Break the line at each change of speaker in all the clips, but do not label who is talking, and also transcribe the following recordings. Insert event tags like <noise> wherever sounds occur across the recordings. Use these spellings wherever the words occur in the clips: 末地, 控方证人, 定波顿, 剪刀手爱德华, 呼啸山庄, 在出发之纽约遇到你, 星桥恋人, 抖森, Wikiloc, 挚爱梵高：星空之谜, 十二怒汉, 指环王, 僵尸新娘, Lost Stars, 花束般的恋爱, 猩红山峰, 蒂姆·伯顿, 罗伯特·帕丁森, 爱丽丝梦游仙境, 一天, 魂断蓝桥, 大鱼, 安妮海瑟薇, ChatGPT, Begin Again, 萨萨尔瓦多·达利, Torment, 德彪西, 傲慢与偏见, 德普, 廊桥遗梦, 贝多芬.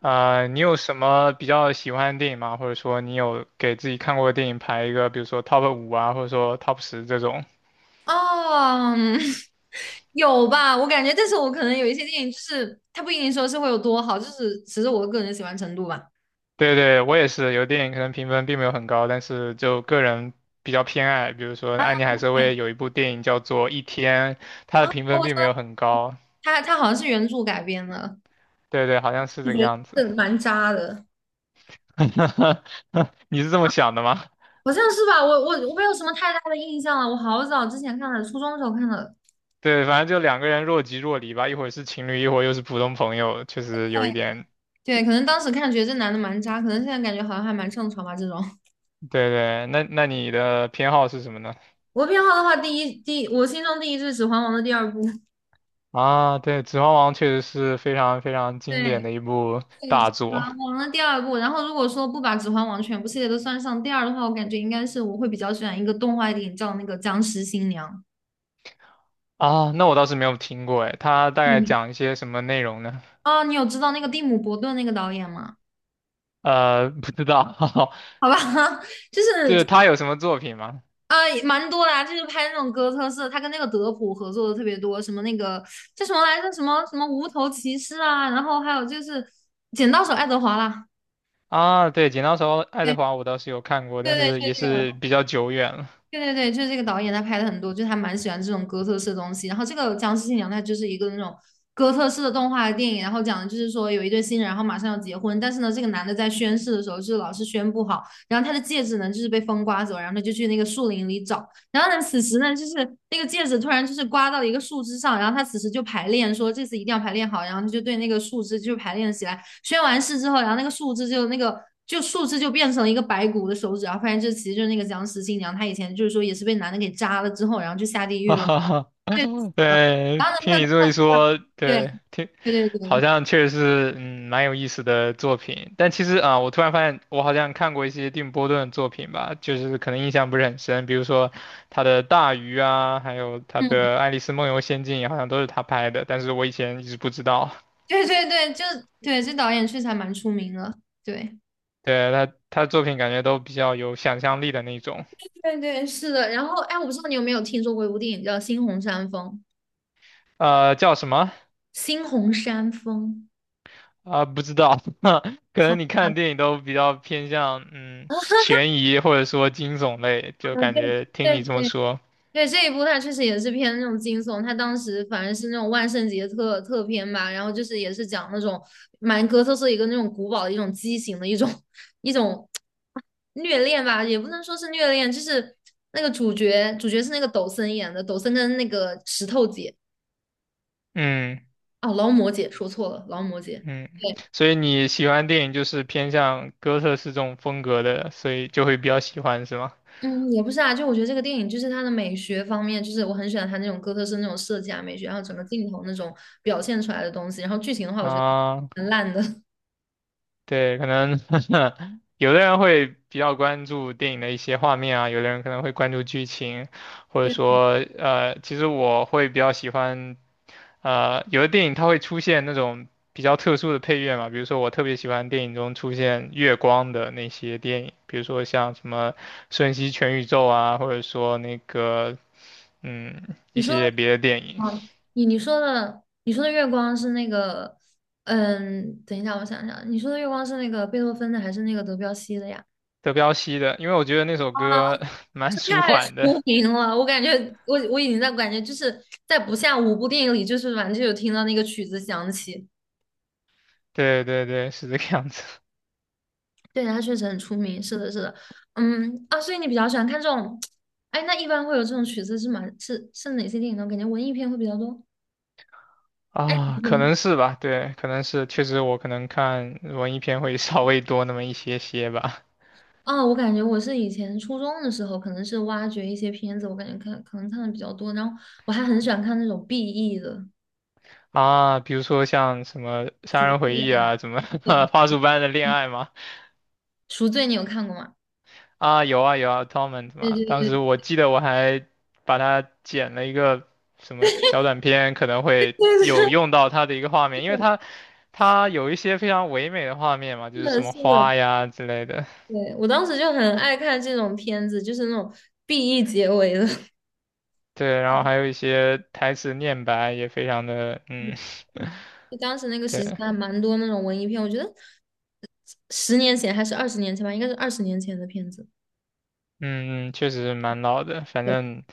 啊、你有什么比较喜欢的电影吗？或者说你有给自己看过的电影排一个，比如说 top 5啊，或者说 top 10这种？
哦，嗯 <laughs> 有吧？我感觉，但是我可能有一些电影，就是它不一定说是会有多好，就是只是我个人的喜欢程度吧。
对对，我也是，有电影可能评分并没有很高，但是就个人比较偏爱。比如说安妮海瑟薇有一部电影叫做《一天》，它的
啊，
评分并没有很高。
它好像是原著改编的。
对对，好像是
我
这个
觉
样子。
得是蛮渣的。
<laughs> 你是这么想的吗？
好像是吧？我没有什么太大的印象了，我好早之前看的，初中的时候看的。
对，反正就两个人若即若离吧，一会儿是情侣，一会儿又是普通朋友，确实有一点。
对，对，可能当时看觉得这男的蛮渣，可能现在感觉好像还蛮正常吧。这种
对对，那你的偏好是什么呢？
<laughs> 我偏好的话，第一，我心中第一就是《指环王》的第二部。
啊，对，《指环王》确实是非常非常经典
对，
的一部
对，《指
大
环
作
王》的第二部，然后如果说不把《指环王》全部系列都算上第二的话，我感觉应该是我会比较喜欢一个动画电影叫那个《僵尸新娘》。
啊。那我倒是没有听过，哎，它大概
你
讲一些什么内容呢？
哦，你有知道那个蒂姆·伯顿那个导演吗？
<laughs> 不知道，
好吧。<laughs> 就
<laughs>
是
就是
就
它有什么作品吗？
啊、也蛮多的啊，就是拍那种哥特式，他跟那个德普合作的特别多，什么那个叫什么来着，什么无头骑士啊，然后还有就是《剪刀手爱德华》啦。
啊，对，《剪刀手爱德华》我倒是有看过，
对
但
对
是
对，
也
就这
是
个。
比较久远了。
对对对，就是这个导演他拍的很多，就是他蛮喜欢这种哥特式的东西。然后这个《僵尸新娘》它就是一个那种哥特式的动画电影，然后讲的就是说有一对新人，然后马上要结婚。但是呢，这个男的在宣誓的时候就是老是宣不好，然后他的戒指呢就是被风刮走，然后他就去那个树林里找。然后呢，此时呢就是那个戒指突然就是刮到了一个树枝上，然后他此时就排练说这次一定要排练好，然后他就对那个树枝就排练起来。宣完誓之后，然后那个树枝就变成了一个白骨的手指，然后发现这其实就是那个僵尸新娘。她以前就是说也是被男的给扎了之后，然后就下地
<laughs>
狱
哈
了，
哈哈，
对，
<laughs>
死了。
对，
然后呢，
听你这么
她
一
又
说，
对
对，
对对
好
对，
像确实是，蛮有意思的作品。但其实啊，我突然发现，我好像看过一些定波顿的作品吧，就是可能印象不是很深，比如说他的《大鱼》啊，还有他
嗯，
的《爱丽丝梦游仙境》，好像都是他拍的，但是我以前一直不知道。
对对对，就对，这导演确实还蛮出名的。对
对，他的作品感觉都比较有想象力的那种。
对对，是的。然后哎，我不知道你有没有听说过一部电影叫《猩红山峰》，
叫什么？
《猩红山峰》。
啊，不知道，<laughs> 可
好
能你看
吧。
电影都比较偏向
<laughs>
悬疑或者说惊悚类，就感觉听
对
你
对
这么
对，
说，
对，这一部它确实也是偏那种惊悚，它当时反正是那种万圣节特片吧，然后就是也是讲那种蛮哥特色一个那种古堡的一种畸形的一种 <laughs> 一种虐恋吧，也不能说是虐恋，就是那个主角是那个抖森演的，抖森跟那个石头姐
嗯
哦劳模姐说错了，劳模姐。
嗯，
对。
所以你喜欢电影就是偏向哥特式这种风格的，所以就会比较喜欢是吗？
嗯，也不是啊，就我觉得这个电影就是它的美学方面，就是我很喜欢它那种哥特式那种设计啊美学，然后整个镜头那种表现出来的东西，然后剧情的话，我觉得
啊、
很烂的。
对，可能 <laughs> 有的人会比较关注电影的一些画面啊，有的人可能会关注剧情，或者
对，
说，其实我会比较喜欢，有的电影它会出现那种比较特殊的配乐嘛，比如说我特别喜欢电影中出现月光的那些电影，比如说像什么《瞬息全宇宙》啊，或者说那个，一
你说的，
些别的电影，
嗯，你说的，你说的月光是那个，嗯，等一下，我想想，你说的月光是那个贝多芬的还是那个德彪西的呀？
德彪西的，因为我觉得那首歌 <laughs> 蛮
这
舒
太出
缓的。<laughs>
名了，我感觉我已经在感觉就是在不下五部电影里，就是反正就有听到那个曲子响起。
对对对，是这个样子。
对，它确实很出名，是的，是的，嗯啊，所以你比较喜欢看这种，哎，那一般会有这种曲子是吗？是哪些电影呢？我感觉文艺片会比较多。哎，
啊，可能是吧，对，可能是，确实我可能看文艺片会 <laughs> 稍微多那么一些些吧。
啊，我感觉我是以前初中的时候，可能是挖掘一些片子，我感觉看可能看的比较多，然后我还很喜欢看那种 BE 的
啊，比如说像什么《杀
赎
人
罪
回忆》
啊，
啊，什么 <laughs>
对，
《花束般的恋
嗯
爱》嘛，
赎罪你有看过吗？
啊，有啊有啊，Torment
对
嘛，
对
当
对
时
对
我记得我还把它剪了一个什么小短片，可能
对，
会
<laughs> 是
有用到它的一个画面，因为它有一些非常唯美的画面嘛，就是
的，
什么
是的，
花呀之类的，
对，我当时就很爱看这种片子，就是那种 BE 结尾的。
对，然后还
<laughs>
有一些台词念白也非常的，
就当时那个时期
对。
还蛮多那种文艺片，我觉得十年前还是二十年前吧，应该是二十年前的片子。
嗯，确实蛮老的，反
对
正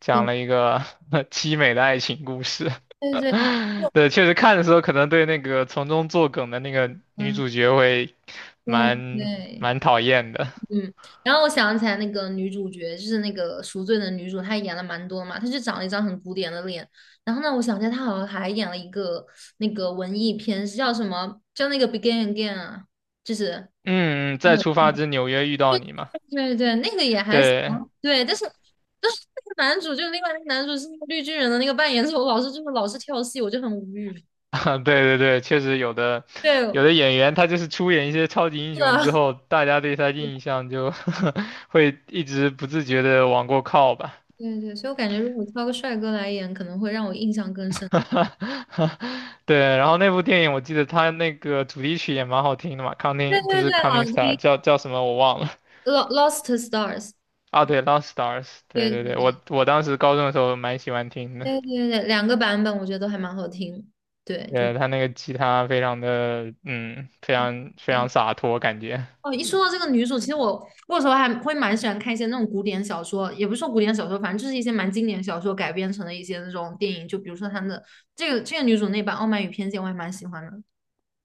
讲
对
了一个 <laughs> 凄美的爱情故事。
对对，
<laughs> 对，确实看的时候可能对那个从中作梗的那个女
嗯，
主角会
对
蛮
对。
蛮讨厌的。
嗯，然后我想起来那个女主角，就是那个赎罪的女主，她演了蛮多嘛，她就长了一张很古典的脸。然后呢，我想起来她好像还演了一个那个文艺片，是叫什么？叫那个《Begin Again》啊，就是，
嗯，在出发之纽约遇到
对。
你嘛？
<laughs> 对对，那个也还行，
对，
对，但是那个男主就另外那个男主是那个绿巨人的那个扮演者，我老是就是老是跳戏，我就很无语。
<laughs> 啊对对对，确实有的
对，
有
是
的演员他就是出演一些超级英雄之
啊，
后，大家对他印
<laughs>
象就 <laughs> 会一直不自觉的往过靠吧。
对对，所以我感觉如果挑个帅哥来演，可能会让我印象更深。
<laughs> 对，然后那部电影我记得它那个主题曲也蛮好听的嘛
对
，Counting 不
对对，
是
好
Counting Star
听。
叫什么我忘了
Lost Stars。
啊，对，Lost Stars，对对
对
对，我当时高中的时候蛮喜欢听的，
对对对，对两个版本我觉得都还蛮好听。对，就
他那个吉他非常的非常非
对
常洒脱感觉。
哦。一说到这个女主，其实我有时候还会蛮喜欢看一些那种古典小说，也不是说古典小说，反正就是一些蛮经典小说改编成的一些那种电影。就比如说他们的这个女主那版《傲慢与偏见》，我还蛮喜欢的。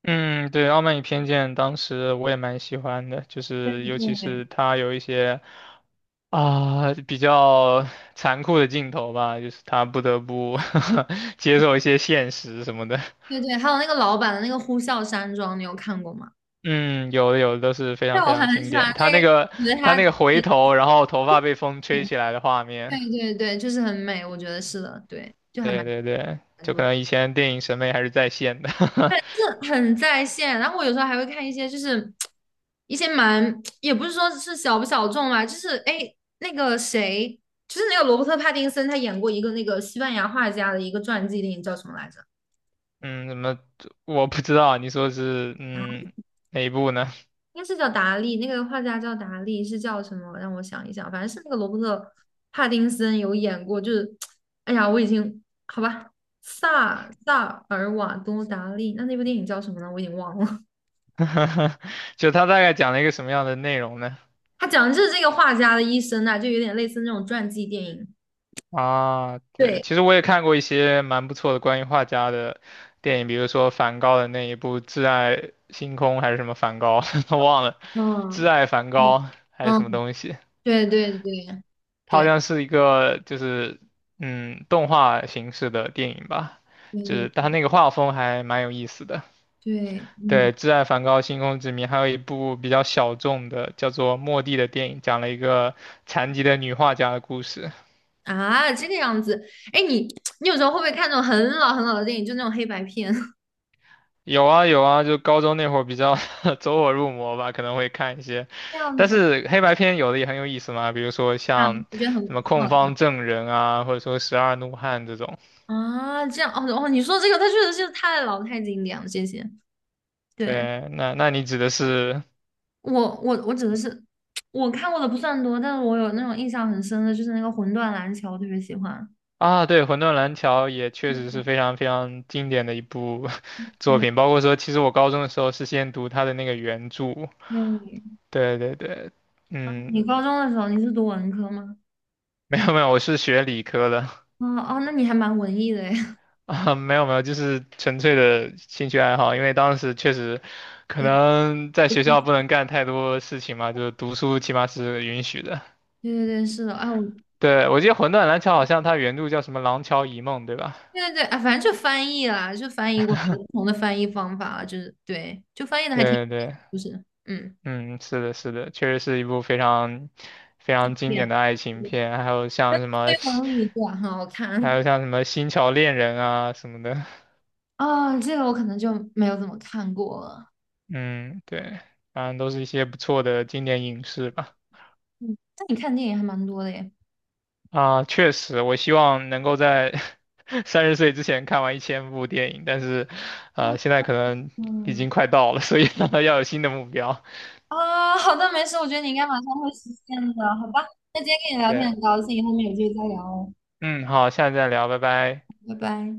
嗯，对，《傲慢与偏见》当时我也蛮喜欢的，就是尤其是
对
他有一些啊、比较残酷的镜头吧，就是他不得不 <laughs> 接受一些现实什么的。
对对，还有那个老版的那个《呼啸山庄》，你有看过吗？
嗯，有的都是非
对，
常非
我
常
很
经
喜欢
典。他
那个，
那个
觉得
他
她
那个回头，然后头发被风吹起来的画
对
面，
对对，就是很美，我觉得是的，对，就还
对
蛮。
对对，
蛮
就可
多。
能以前电影审美还是在线的。<laughs>
很在线。然后我有时候还会看一些，就是一些蛮，也不是说是小不小众吧，就是哎，那个谁，就是那个罗伯特·帕丁森，他演过一个那个西班牙画家的一个传记电影，叫什么来着？
嗯，怎么我不知道你说是哪一部呢？
应该是叫达利，那个画家叫达利，是叫什么？让我想一想，反正是那个罗伯特·帕丁森有演过，就是，哎呀，我已经好吧。萨尔瓦多·达利，那部电影叫什么呢？我已经忘了。<laughs>
<laughs> 就他大概讲了一个什么样的内容呢？
他讲的就是这个画家的一生啊，就有点类似那种传记电影。
啊，对，
对，
其实我也看过一些蛮不错的关于画家的电影，比如说梵高的那一部《挚爱星空》还是什么梵高，<laughs> 忘了，《挚
嗯
爱梵
哦，
高》还是什么
嗯，
东西。
对对对
它好
对对
像是一个就是动画形式的电影吧，就
对
是它那个画风还蛮有意思的。
对，嗯
对，《挚爱梵高：星空之谜》，还有一部比较小众的叫做《末地》的电影，讲了一个残疾的女画家的故事。
啊，这个样子。哎，你有时候会不会看那种很老很老的电影，就那种黑白片 <laughs>
有啊有啊，就高中那会儿比较 <laughs> 走火入魔吧，可能会看一些，
这样
但
子
是黑白片有的也很有意思嘛，比如说
啊？
像
我觉得很
什么
很
《控
好
方
看
证人》啊，或者说《十二怒汉》这种。
啊。这样哦哦，你说这个，它确实是太老太经典了。谢谢。对，
对，那那你指的是？
我我指的是我看过的不算多，但是我有那种印象很深的，就是那个《魂断蓝桥》，我特别喜欢。
啊，对，《魂断蓝桥》也确实是
嗯
非常非常经典的一部 <laughs> 作
对
品，包括说，其实我高中的时候是先读它的那个原著，
对，
对对对，
啊你
嗯，
高中的时候你是读文科吗？
没有没有，我是学理科的
哦哦，那你还蛮文艺的诶。<laughs>
<laughs> 啊，没有没有，就是纯粹的兴趣爱好，因为当时确实可
对，
能在学校不能干太多事情嘛，就是读书起码是允许的。
对对对，是的，啊，我对
对，我记得《魂断蓝桥》好像它原著叫什么《廊桥遗梦》，对吧？
对对，啊，反正就翻译啦，就翻译过不同的翻译方法，就是对，就翻译的还挺，
对对。
就是嗯，
嗯，是的，是的，确实是一部非常非
对
常经典的爱情
对，
片，还有像什么
这能力对啊，很好
还
看。
有像什么《星桥恋人》啊什么的，
<laughs> 啊。这个我可能就没有怎么看过了。
嗯，对，反正都是一些不错的经典影视吧。
嗯，但你看电影还蛮多的耶。
啊，确实，我希望能够在 <laughs> 30岁之前看完1000部电影，但是，
哇
现在可能已
嗯，
经快到了，所以 <laughs> 要有新的目标。
啊，<laughs> 好的，没事，我觉得你应该马上会实现的，好吧？那今天跟你聊天
对，
很高兴，后面有机会再聊哦，
嗯，好，下次再聊，拜拜。
拜拜。